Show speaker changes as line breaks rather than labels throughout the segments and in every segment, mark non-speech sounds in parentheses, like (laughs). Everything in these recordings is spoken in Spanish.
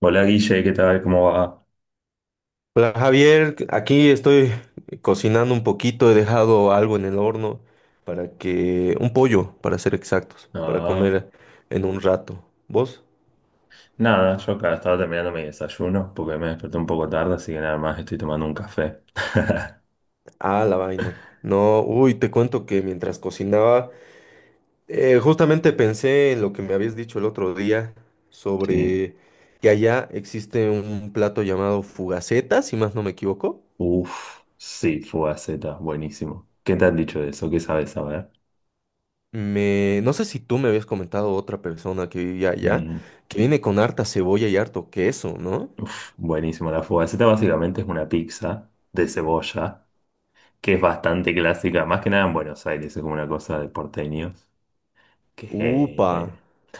Hola Guille, ¿qué tal? ¿Cómo va?
Hola Javier, aquí estoy cocinando un poquito, he dejado algo en el horno para que, un pollo, para ser exactos, para
No,
comer en un rato. ¿Vos?
nada, yo acá estaba terminando mi desayuno porque me desperté un poco tarde, así que nada más estoy tomando un café. (laughs)
Ah, la vaina. No, uy, te cuento que mientras cocinaba, justamente pensé en lo que me habías dicho el otro día
Sí.
sobre que allá existe un plato llamado fugaceta, si más no me equivoco.
Uf, sí, fugaceta, buenísimo. ¿Qué te han dicho de eso? ¿Qué sabes saber?
Me, no sé si tú me habías comentado otra persona que vivía allá,
Mm,
que viene con harta cebolla y harto queso, ¿no?
uf, buenísimo. La fugaceta básicamente es una pizza de cebolla que es bastante clásica, más que nada en Buenos Aires, es como una cosa de porteños.
Upa.
Que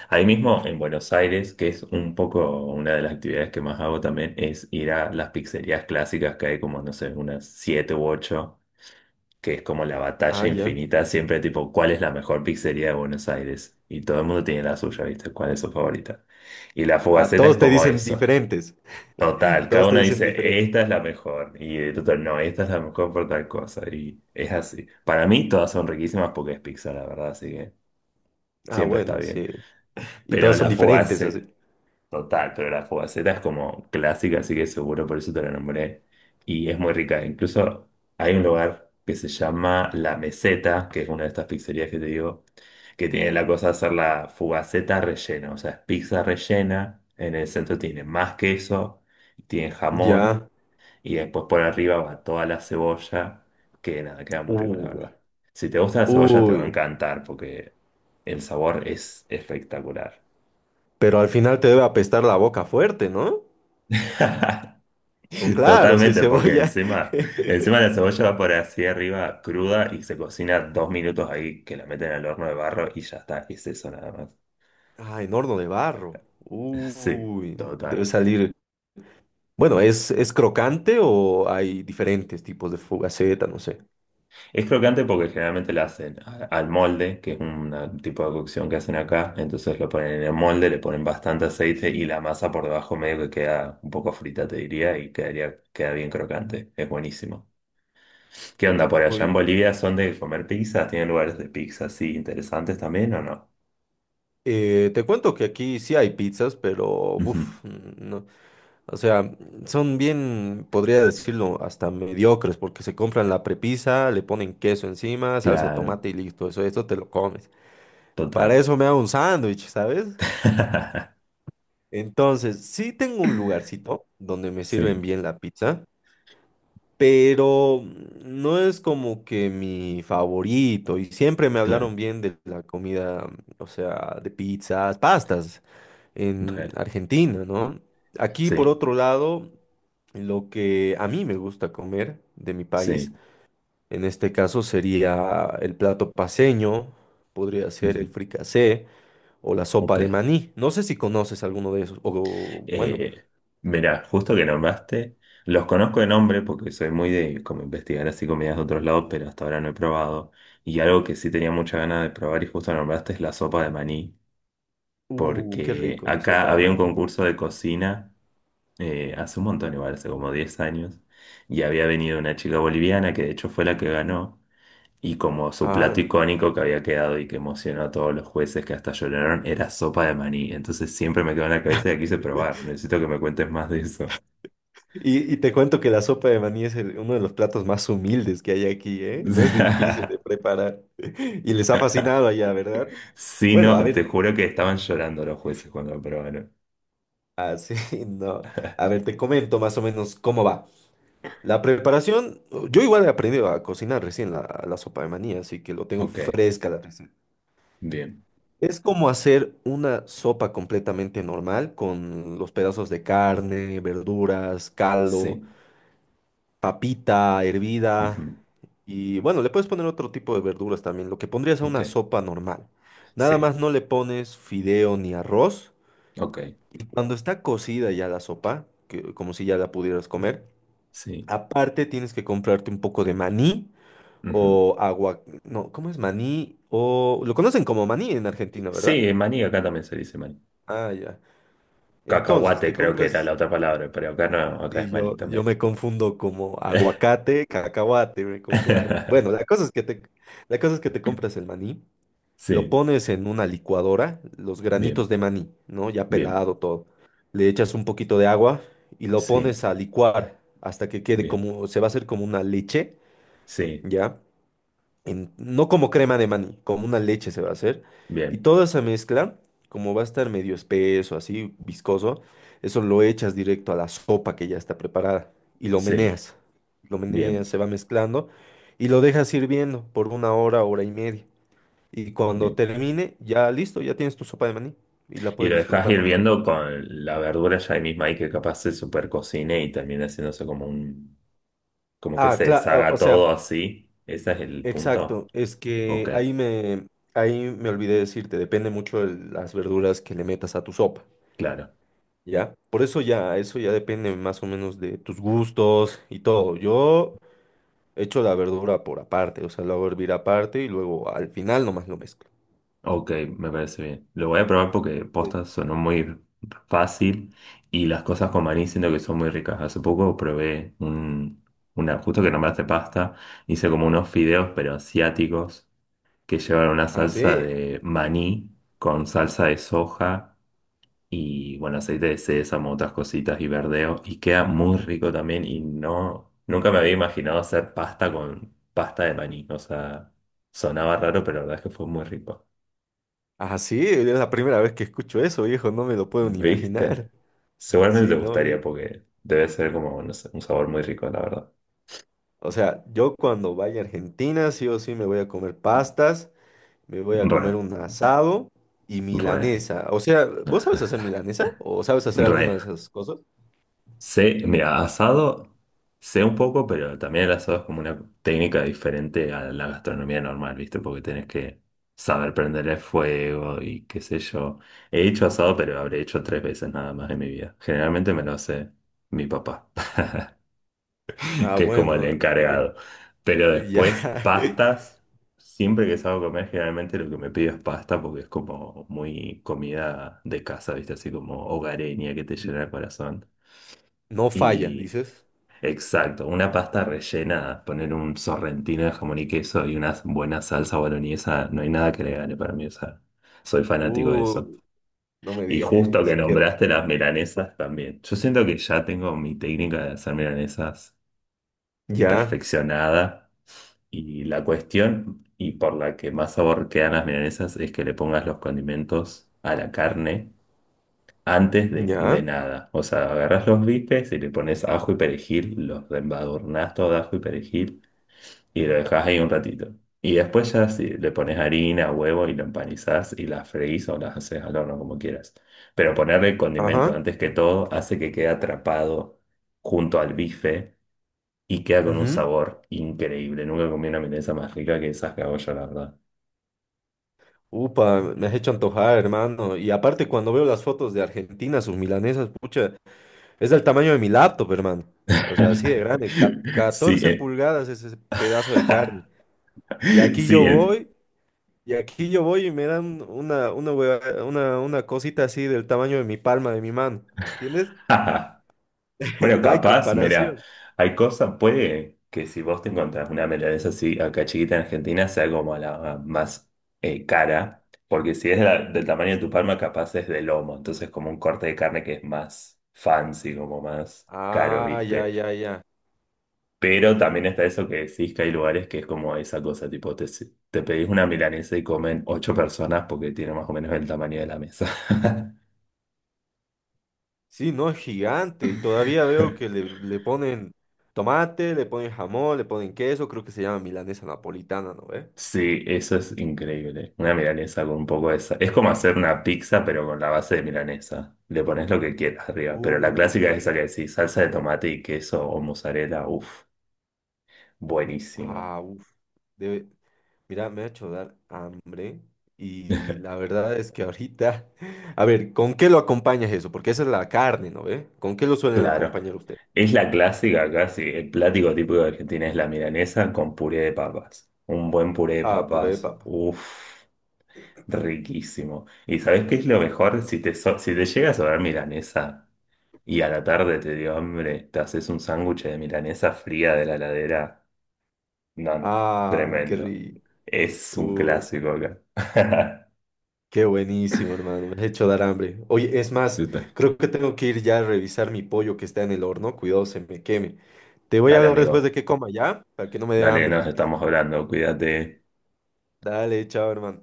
ahí mismo en Buenos Aires, que es un poco una de las actividades que más hago también, es ir a las pizzerías clásicas que hay como, no sé, unas siete u ocho, que es como la
Ah,
batalla
ya.
infinita, siempre tipo, ¿cuál es la mejor pizzería de Buenos Aires? Y todo el mundo tiene la suya, ¿viste? ¿Cuál es su favorita? Y la
Ah,
fugaceta es
todos te
como
dicen
eso.
diferentes. (laughs)
Total, cada
Todos te
uno
dicen
dice,
diferentes.
esta es la mejor, y el otro, no, esta es la mejor por tal cosa, y es así. Para mí todas son riquísimas porque es pizza, la verdad, así que
Ah,
siempre está
bueno,
bien.
sí. Y
Pero
todos son
la
diferentes, así.
Fogaceta, total, pero la Fogaceta es como clásica, así que seguro por eso te la nombré. Y es muy rica. Incluso hay un lugar que se llama La Meseta, que es una de estas pizzerías que te digo, que tiene la cosa de hacer la Fogaceta rellena. O sea, es pizza rellena. En el centro tiene más queso, tiene jamón,
Ya.
y después por arriba va toda la cebolla, que nada, queda muy rico, la
Uy.
verdad. Si te gusta la cebolla, te va a
Uy.
encantar, porque el sabor es espectacular.
Pero al final te debe apestar la boca fuerte, ¿no? O
(laughs)
claro, si es
Totalmente, porque
cebolla.
encima, encima
(laughs)
la cebolla va por así arriba cruda y se cocina 2 minutos ahí que la meten al horno de barro y ya está, es eso nada más.
Ah, en horno de barro.
(laughs) Sí,
Uy. Debe
total.
salir. Bueno, ¿es crocante o hay diferentes tipos de fugaceta? No sé.
Es crocante porque generalmente la hacen al molde, que es un tipo de cocción que hacen acá, entonces lo ponen en el molde, le ponen bastante aceite y la masa por debajo medio que queda un poco frita, te diría, y quedaría, queda bien crocante, es buenísimo. ¿Qué onda por allá en
Uy.
Bolivia? ¿Son de comer pizzas? ¿Tienen lugares de pizza así interesantes también o no?
Te cuento que aquí sí hay pizzas, pero
Ujú.
uf, no. O sea, son bien, podría decirlo, hasta mediocres, porque se compran la prepisa, le ponen queso encima, salsa de
Claro,
tomate y listo. Eso, esto te lo comes. Para
total.
eso me hago un sándwich, ¿sabes?
(laughs)
Entonces, sí tengo un lugarcito donde me sirven
Sí,
bien la pizza, pero no es como que mi favorito y siempre me
claro,
hablaron bien de la comida, o sea, de pizzas, pastas en
re,
Argentina, ¿no? Aquí, por
sí,
otro lado, lo que a mí me gusta comer de mi país,
sí.
en este caso sería el plato paceño, podría ser el
Ujú.
fricasé o la
Ok.
sopa de maní. No sé si conoces alguno de esos, o bueno,
Eh, mirá, justo que nombraste, los conozco de nombre porque soy muy de como investigar así comidas de otros lados, pero hasta ahora no he probado. Y algo que sí tenía mucha ganas de probar y justo nombraste es la sopa de maní,
qué
porque
rico la
acá
sopa de
había un
maní.
concurso de cocina, hace un montón, igual, hace como 10 años, y había venido una chica boliviana que de hecho fue la que ganó. Y como su plato
Ah.
icónico que había quedado y que emocionó a todos los jueces que hasta lloraron era sopa de maní. Entonces siempre me quedó en la cabeza y la quise
(laughs)
probar. Necesito que me cuentes más de eso.
Y te cuento que la sopa de maní es uno de los platos más humildes que hay aquí, ¿eh? No es difícil de
(laughs)
preparar. (laughs) Y les ha fascinado allá, ¿verdad?
Sí,
Bueno, a
no, te
ver,
juro que estaban llorando los jueces cuando lo probaron.
(laughs) sí, no. A ver, te comento más o menos cómo va. La preparación, yo igual he aprendido a cocinar recién la sopa de maní, así que lo tengo
Ok,
fresca la receta.
bien.
Es como hacer una sopa completamente normal con los pedazos de carne, verduras, caldo,
Sí.
papita hervida,
Ujú.
y bueno, le puedes poner otro tipo de verduras también, lo que pondrías a
Ok,
una sopa normal. Nada
sí.
más no le pones fideo ni arroz.
Ok,
Y cuando está cocida ya la sopa, que, como si ya la pudieras comer,
sí.
aparte tienes que comprarte un poco de maní
Ujú.
o agua, no, ¿cómo es maní? O lo conocen como maní en Argentina, ¿verdad?
Sí, maní acá también se dice maní.
Ah, ya. Entonces,
Cacahuate
te
creo que era la
compras.
otra palabra, pero acá no, acá
Y
es maní
yo
también.
me confundo como aguacate, cacahuate, me confundo. Bueno,
(laughs)
la cosa es que te compras el maní, lo
Sí,
pones en una licuadora, los granitos
bien,
de maní, ¿no? Ya
bien.
pelado todo. Le echas un poquito de agua y lo
Sí.
pones a licuar hasta que quede
Bien,
como, se va a hacer como una leche,
sí,
¿ya? No como crema de maní, como una leche se va a hacer. Y
bien,
toda esa mezcla, como va a estar medio espeso, así viscoso, eso lo echas directo a la sopa que ya está preparada y lo
sí,
meneas. Lo meneas,
bien,
se va mezclando y lo dejas hirviendo por una hora, hora y media. Y cuando
bien.
termine, ya listo, ya tienes tu sopa de maní y la
Y
puedes
lo dejas
disfrutar normal.
hirviendo con la verdura ya ahí misma ahí que capaz se super cocine y termina haciéndose como un, como que
Ah,
se
claro, o o
deshaga
sea,
todo así. ¿Ese es el punto?
exacto, es
Ok,
que ahí me olvidé decirte, depende mucho de las verduras que le metas a tu sopa.
claro.
Ya, por eso ya depende más o menos de tus gustos y todo. Yo echo la verdura por aparte, o sea, la hago hervir aparte y luego al final nomás lo mezclo.
Ok, me parece bien. Lo voy a probar porque
Es-
postas sonó muy fácil y las cosas con maní siento que son muy ricas. Hace poco probé justo que nombraste pasta, hice como unos fideos pero asiáticos que llevan una
Ah,
salsa
sí,
de maní con salsa de soja y, bueno, aceite de sésamo, otras cositas y verdeo. Y queda muy rico también y no, nunca me había imaginado hacer pasta con pasta de maní. O sea, sonaba raro, pero la verdad es que fue muy rico.
sí, es la primera vez que escucho eso, viejo, no me lo puedo ni
¿Viste?
imaginar. (laughs)
Seguramente
Sí,
te
no,
gustaría porque debe ser como, no sé, un sabor muy rico, la verdad.
o sea, yo cuando vaya a Argentina, sí o sí me voy a comer pastas, me voy a comer
Re,
un asado y
re,
milanesa. O sea, ¿vos
(laughs)
sabes hacer milanesa? ¿O sabes hacer alguna
re.
de esas cosas?
Sé, mira, asado sé un poco, pero también el asado es como una técnica diferente a la gastronomía normal, ¿viste? Porque tenés que saber prender el fuego y qué sé yo. He hecho asado, pero habré hecho tres veces nada más en mi vida. Generalmente me lo hace mi papá, (laughs)
Ah,
que es como el
bueno, eh,
encargado. Pero
ya.
después,
(laughs)
pastas, siempre que salgo a comer, generalmente lo que me pido es pasta porque es como muy comida de casa, ¿viste? Así como hogareña que te llena el corazón.
No falla,
Y
dices.
exacto, una pasta rellena, poner un sorrentino de jamón y queso y una buena salsa boloñesa, no hay nada que le gane para mí, o sea, soy fanático de eso.
Uy, no me
Y
digas
justo que
eso. Qué rico.
nombraste las milanesas también. Yo siento que ya tengo mi técnica de hacer milanesas
Ya,
perfeccionada, y la cuestión y por la que más sabor quedan las milanesas es que le pongas los condimentos a la carne antes de
ya.
nada. O sea, agarras los bifes y le pones ajo y perejil, los embadurnás todo de ajo y perejil y lo dejas ahí un ratito. Y después ya sí, le pones harina, huevo y lo empanizás y las freís o las haces al horno como quieras. Pero ponerle condimento
Ajá.
antes que todo hace que quede atrapado junto al bife y queda con un
Ujú.
sabor increíble. Nunca comí una milanesa más rica que esas que hago yo, la verdad.
Upa, me has hecho antojar, hermano. Y aparte, cuando veo las fotos de Argentina, sus milanesas, pucha, es del tamaño de mi laptop, hermano. O sea, así de grande.
(laughs) Sí,
14
es.
pulgadas es ese pedazo de carne.
(laughs)
Y aquí
Sí,
yo
es.
voy, y aquí yo voy y me dan una cosita así del tamaño de mi palma, de mi mano. ¿Entiendes?
(laughs) Bueno,
(laughs) No hay
capaz, mira,
comparación.
hay cosas, puede que si vos te encontrás una milanesa así acá chiquita en Argentina sea como la más, cara, porque si es del tamaño de tu palma, capaz es de lomo, entonces como un corte de carne que es más fancy, como más caro,
Ah, ya,
¿viste?
ya, ya.
Pero también está eso que decís que hay lugares que es como esa cosa, tipo, te pedís una milanesa y comen ocho personas porque tiene más o menos el tamaño de la mesa.
Sí, no, es gigante. Y todavía veo que
(laughs)
le ponen tomate, le ponen jamón, le ponen queso. Creo que se llama milanesa napolitana, ¿no ve?
Sí, eso es increíble. Una milanesa con un poco de esa. Es como hacer una pizza, pero con la base de milanesa. Le pones lo que quieras arriba. Pero la clásica
Qué
es esa que
rico.
decís, salsa de tomate y queso o mozzarella. Uf, buenísima.
Ah, uff. Debe... Mira, me ha hecho dar hambre. Y la verdad es que ahorita. (laughs) A ver, ¿con qué lo acompañas eso? Porque esa es la carne, ¿no ve? ¿Con qué lo suelen
Claro.
acompañar usted?
Es la clásica casi. El plático típico de Argentina es la milanesa con puré de papas. Un buen puré de
Ah, puré de
papas.
papa.
Uf, riquísimo. ¿Y sabés qué es lo mejor? Si te llega a sobrar milanesa. Y a la tarde te dio hambre, te haces un sándwich de milanesa fría de la heladera. No, no,
Ah, qué
tremendo.
rico.
Es un
Uh,
clásico acá. (laughs)
Qué buenísimo, hermano. Me has hecho dar hambre. Oye, es más,
¿Viste?
creo que tengo que ir ya a revisar mi pollo que está en el horno. Cuidado, se me queme. Te voy a
Dale,
hablar después de
amigo.
que coma, ¿ya? Para que no me dé
Dale, nos
hambre.
estamos hablando. Cuídate.
Dale, chao, hermano.